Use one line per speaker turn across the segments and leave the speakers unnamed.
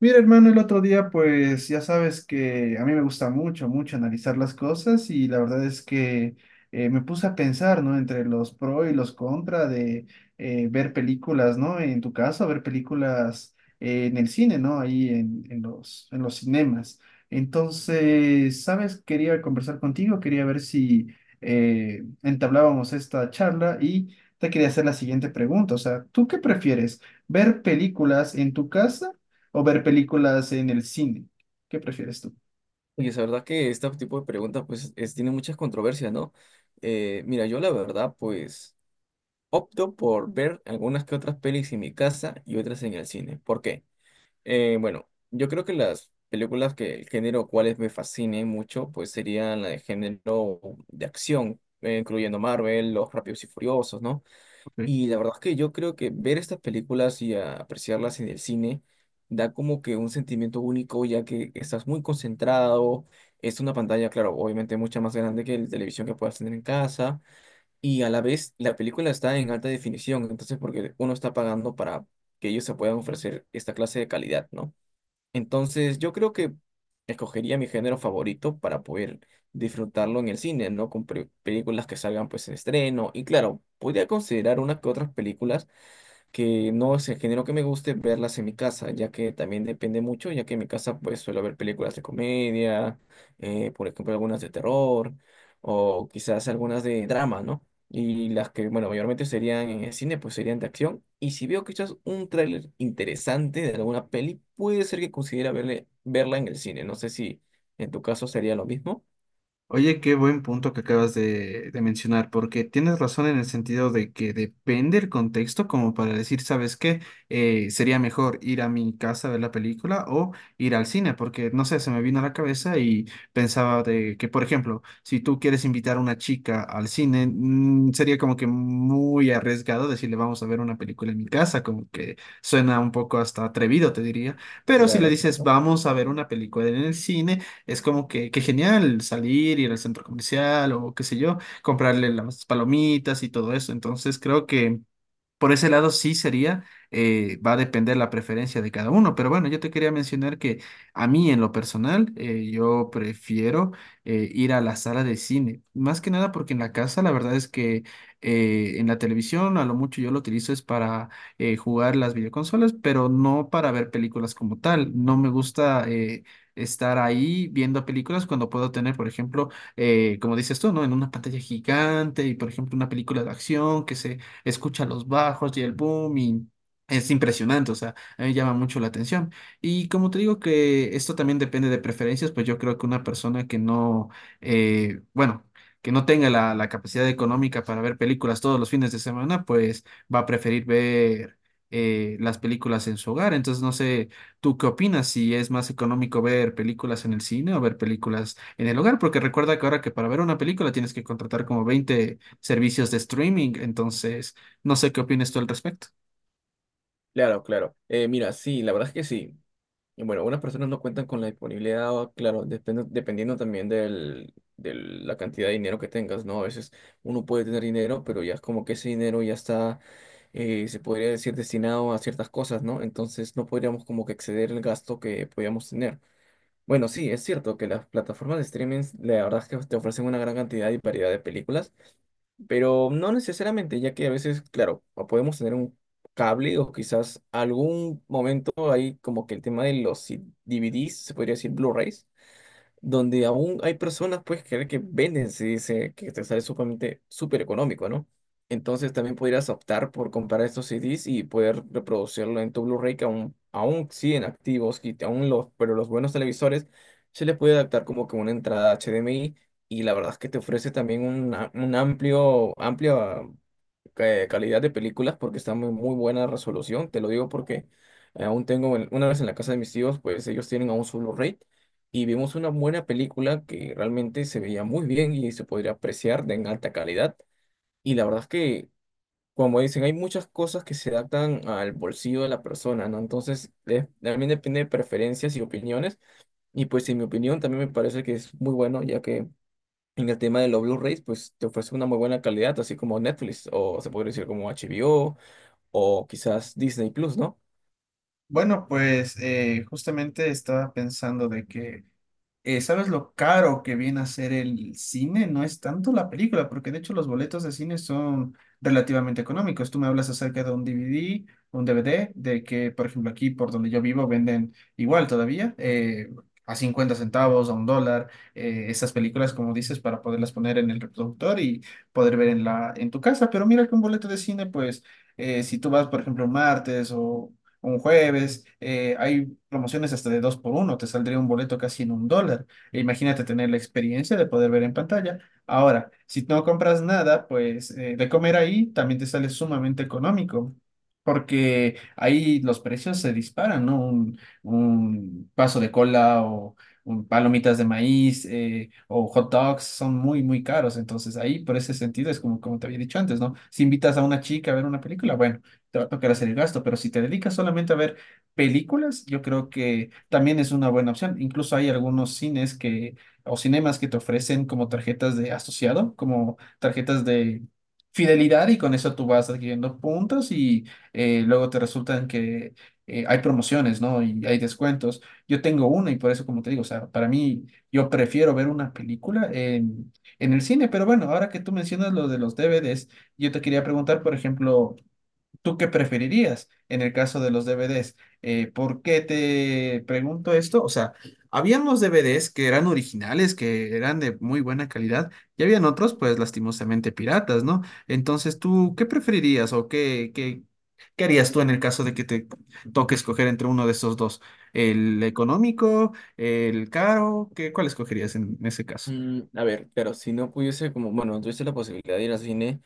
Mira, hermano, el otro día, pues ya sabes que a mí me gusta mucho, mucho analizar las cosas y la verdad es que me puse a pensar, ¿no? Entre los pro y los contra de ver películas, ¿no? En tu caso, ver películas en el cine, ¿no? Ahí en los cinemas. Entonces, ¿sabes? Quería conversar contigo, quería ver si entablábamos esta charla y te quería hacer la siguiente pregunta. O sea, ¿tú qué prefieres? ¿Ver películas en tu casa o ver películas en el cine? ¿Qué prefieres tú?
Oye, es verdad que este tipo de preguntas tiene muchas controversias, ¿no? Mira, yo la verdad pues opto por ver algunas que otras pelis en mi casa y otras en el cine. ¿Por qué? Bueno, yo creo que las películas que el género cuales me fascinen mucho pues serían la de género de acción, incluyendo Marvel, Los Rápidos y Furiosos, ¿no?
Ok.
Y la verdad es que yo creo que ver estas películas y apreciarlas en el cine da como que un sentimiento único, ya que estás muy concentrado, es una pantalla, claro, obviamente mucha más grande que la televisión que puedas tener en casa, y a la vez la película está en alta definición, entonces porque uno está pagando para que ellos se puedan ofrecer esta clase de calidad, ¿no? Entonces, yo creo que escogería mi género favorito para poder disfrutarlo en el cine, ¿no? Con películas que salgan pues en estreno. Y claro, podría considerar unas que otras películas que no es el género que me guste verlas en mi casa, ya que también depende mucho, ya que en mi casa pues suelo ver películas de comedia, por ejemplo algunas de terror o quizás algunas de drama, ¿no? Y las que, bueno, mayormente serían en el cine, pues serían de acción. Y si veo quizás un tráiler interesante de alguna peli, puede ser que considera verla en el cine. No sé si en tu caso sería lo mismo.
Oye, qué buen punto que acabas de mencionar, porque tienes razón en el sentido de que depende el contexto como para decir, ¿sabes qué? Sería mejor ir a mi casa a ver la película o ir al cine, porque no sé, se me vino a la cabeza y pensaba de que, por ejemplo, si tú quieres invitar a una chica al cine, sería como que muy arriesgado decirle vamos a ver una película en mi casa, como que suena un poco hasta atrevido, te diría, pero si le
Claro,
dices
claro.
vamos a ver una película en el cine, es como que genial salir, ir al centro comercial o qué sé yo, comprarle las palomitas y todo eso. Entonces creo que por ese lado sí sería, va a depender la preferencia de cada uno, pero bueno, yo te quería mencionar que a mí en lo personal, yo prefiero ir a la sala de cine, más que nada porque en la casa la verdad es que en la televisión a lo mucho yo lo utilizo es para jugar las videoconsolas, pero no para ver películas como tal, no me gusta estar ahí viendo películas cuando puedo tener, por ejemplo, como dices tú, ¿no? En una pantalla gigante y, por ejemplo, una película de acción que se escucha los bajos y el boom y es impresionante, o sea, a mí me llama mucho la atención. Y como te digo que esto también depende de preferencias, pues yo creo que una persona que no, bueno, que no tenga la capacidad económica para ver películas todos los fines de semana, pues va a preferir ver las películas en su hogar. Entonces, no sé, ¿tú qué opinas? Si es más económico ver películas en el cine o ver películas en el hogar, porque recuerda que ahora que para ver una película tienes que contratar como 20 servicios de streaming, entonces no sé qué opinas tú al respecto.
Claro, claro. Mira, sí, la verdad es que sí. Y bueno, algunas personas no cuentan con la disponibilidad, o, claro, dependiendo también de la cantidad de dinero que tengas, ¿no? A veces uno puede tener dinero, pero ya es como que ese dinero ya está, se podría decir, destinado a ciertas cosas, ¿no? Entonces no podríamos como que exceder el gasto que podíamos tener. Bueno, sí, es cierto que las plataformas de streaming, la verdad es que te ofrecen una gran cantidad y variedad de películas, pero no necesariamente, ya que a veces, claro, o podemos tener un cable o quizás algún momento hay como que el tema de los DVDs, se podría decir Blu-rays, donde aún hay personas, pues, que venden, se dice que te sale sumamente súper económico, ¿no? Entonces también podrías optar por comprar estos CDs y poder reproducirlo en tu Blu-ray que aún siguen activos y aún los, pero los buenos televisores se les puede adaptar como que una entrada HDMI y la verdad es que te ofrece también un amplio calidad de películas porque está muy buena resolución. Te lo digo porque aún tengo, una vez en la casa de mis tíos, pues ellos tienen aún su Blu-ray y vimos una buena película que realmente se veía muy bien y se podría apreciar de en alta calidad. Y la verdad es que, como dicen, hay muchas cosas que se adaptan al bolsillo de la persona, ¿no? Entonces, también depende de preferencias y opiniones. Y pues en mi opinión también me parece que es muy bueno, ya que... En el tema de los Blu-rays, pues te ofrece una muy buena calidad, así como Netflix, o se podría decir como HBO, o quizás Disney Plus, ¿no?
Bueno, pues justamente estaba pensando de que, ¿sabes lo caro que viene a ser el cine? No es tanto la película, porque de hecho los boletos de cine son relativamente económicos. Tú me hablas acerca de un DVD, de que, por ejemplo, aquí por donde yo vivo venden igual todavía, a 50 centavos, a $1, esas películas, como dices, para poderlas poner en el reproductor y poder ver en en tu casa. Pero mira que un boleto de cine, pues si tú vas, por ejemplo, un martes o un jueves, hay promociones hasta de dos por uno, te saldría un boleto casi en $1. E imagínate tener la experiencia de poder ver en pantalla. Ahora, si no compras nada, pues de comer ahí también te sale sumamente económico. Porque ahí los precios se disparan, ¿no? Un vaso de cola o un palomitas de maíz o hot dogs son muy, muy caros. Entonces ahí, por ese sentido, es como te había dicho antes, ¿no? Si invitas a una chica a ver una película, bueno, te va a tocar hacer el gasto, pero si te dedicas solamente a ver películas, yo creo que también es una buena opción. Incluso hay algunos cines o cinemas que te ofrecen como tarjetas de asociado, como tarjetas de fidelidad y con eso tú vas adquiriendo puntos y luego te resultan que hay promociones, ¿no? Y hay descuentos. Yo tengo una y por eso, como te digo, o sea, para mí yo prefiero ver una película en el cine, pero bueno, ahora que tú mencionas lo de los DVDs, yo te quería preguntar, por ejemplo, ¿tú qué preferirías en el caso de los DVDs? ¿Por qué te pregunto esto? O sea, habían los DVDs que eran originales, que eran de muy buena calidad, y habían otros, pues lastimosamente piratas, ¿no? Entonces, ¿tú qué preferirías o qué harías tú en el caso de que te toque escoger entre uno de esos dos? ¿El económico, el caro? ¿Qué, cuál escogerías en ese caso?
Mm, a ver, claro, si no pudiese, como, bueno, no tuviese la posibilidad de ir al cine,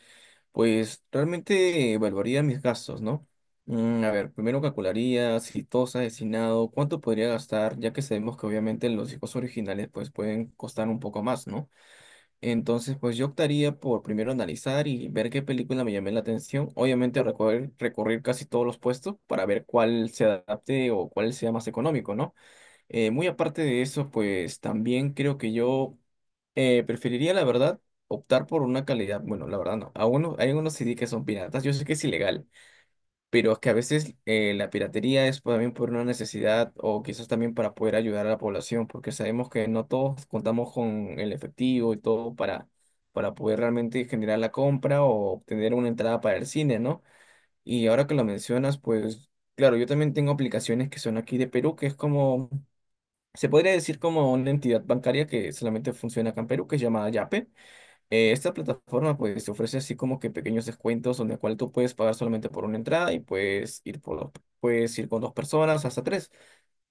pues realmente evaluaría mis gastos, ¿no? Mm, a ver, primero calcularía si todo está destinado, cuánto podría gastar, ya que sabemos que obviamente los hijos originales pues pueden costar un poco más, ¿no? Entonces, pues yo optaría por primero analizar y ver qué película me llamé la atención. Obviamente recorrer casi todos los puestos para ver cuál se adapte o cuál sea más económico, ¿no? Muy aparte de eso, pues también creo que yo preferiría, la verdad, optar por una calidad. Bueno, la verdad no. A uno, hay unos CD que son piratas. Yo sé que es ilegal, pero es que a veces la piratería es también por una necesidad o quizás también para poder ayudar a la población, porque sabemos que no todos contamos con el efectivo y todo para poder realmente generar la compra o obtener una entrada para el cine, ¿no? Y ahora que lo mencionas, pues claro, yo también tengo aplicaciones que son aquí de Perú, que es como. Se podría decir como una entidad bancaria que solamente funciona acá en Perú, que es llamada Yape. Esta plataforma pues te ofrece así como que pequeños descuentos donde cual tú puedes pagar solamente por una entrada y puedes ir con 2 personas hasta tres.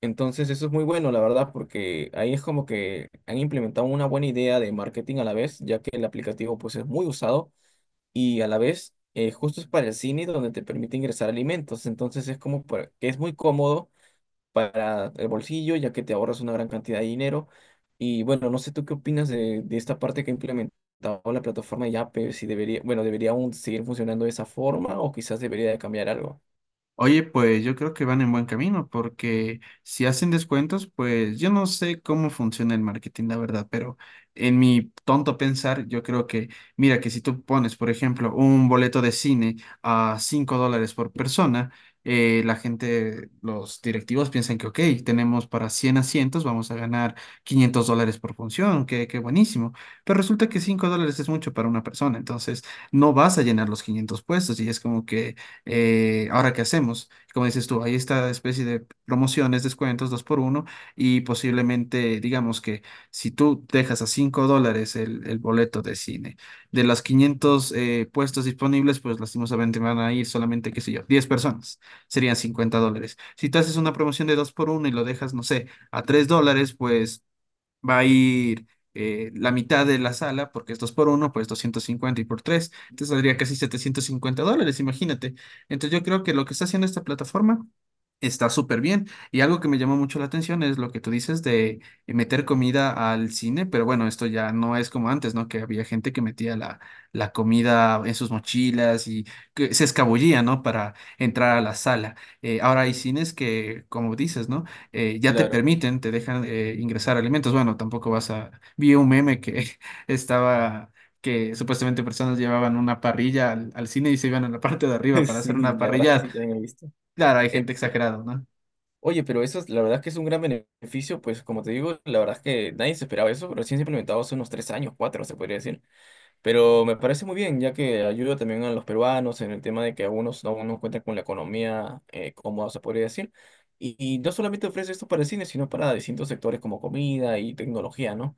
Entonces eso es muy bueno, la verdad, porque ahí es como que han implementado una buena idea de marketing a la vez, ya que el aplicativo pues es muy usado y a la vez justo es para el cine donde te permite ingresar alimentos. Entonces es como que es muy cómodo para el bolsillo, ya que te ahorras una gran cantidad de dinero. Y bueno, no sé tú qué opinas de esta parte que ha implementado la plataforma de Yape, si debería, bueno, debería aún seguir funcionando de esa forma o quizás debería de cambiar algo.
Oye, pues yo creo que van en buen camino porque si hacen descuentos, pues yo no sé cómo funciona el marketing, la verdad, pero en mi tonto pensar, yo creo que, mira, que si tú pones, por ejemplo, un boleto de cine a $5 por persona, la gente, los directivos piensan que, ok, tenemos para 100 asientos, vamos a ganar $500 por función, que buenísimo, pero resulta que $5 es mucho para una persona, entonces no vas a llenar los 500 puestos y es como que ahora qué hacemos. Como dices tú, hay esta especie de promociones, descuentos, dos por uno, y posiblemente, digamos que si tú dejas a $5 el boleto de cine, de los 500 puestos disponibles, pues lastimosamente van a ir solamente, qué sé yo, 10 personas, serían $50. Si tú haces una promoción de dos por uno y lo dejas, no sé, a $3, pues va a ir la mitad de la sala, porque es 2 por uno pues 250 y por tres. Entonces saldría casi $750, imagínate. Entonces yo creo que lo que está haciendo esta plataforma está súper bien. Y algo que me llamó mucho la atención es lo que tú dices de meter comida al cine, pero bueno, esto ya no es como antes, ¿no? Que había gente que metía la comida en sus mochilas y que se escabullía, ¿no? Para entrar a la sala. Ahora hay cines que, como dices, ¿no? Ya te
Claro.
permiten, te dejan ingresar alimentos. Bueno, tampoco vas a... Vi un meme que estaba, que supuestamente personas llevaban una parrilla al cine y se iban a la parte de arriba para hacer una
Sí, la verdad es que
parrillada.
sí también he visto.
Claro, hay
Eh,
gente exagerada, ¿no?
Oye, pero eso es, la verdad es que es un gran beneficio, pues como te digo, la verdad es que nadie se esperaba eso, pero sí se ha implementado hace unos 3 años, cuatro, se podría decir. Pero me parece muy bien, ya que ayuda también a los peruanos en el tema de que algunos aún no cuentan con la economía cómoda, se podría decir. Y no solamente ofrece esto para el cine, sino para distintos sectores como comida y tecnología, ¿no?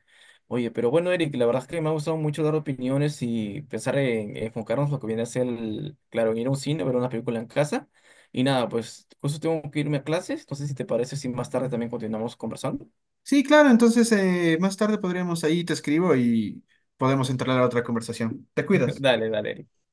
Oye, pero bueno, Eric, la verdad es que me ha gustado mucho dar opiniones y pensar en enfocarnos en lo que viene a ser, claro, en ir a un cine, ver una película en casa. Y nada, pues justo tengo que irme a clases, no sé si te parece si más tarde también continuamos conversando.
Sí, claro, entonces más tarde podríamos ahí, te escribo y podemos entrar a otra conversación. Te cuidas.
Dale, dale, Eric.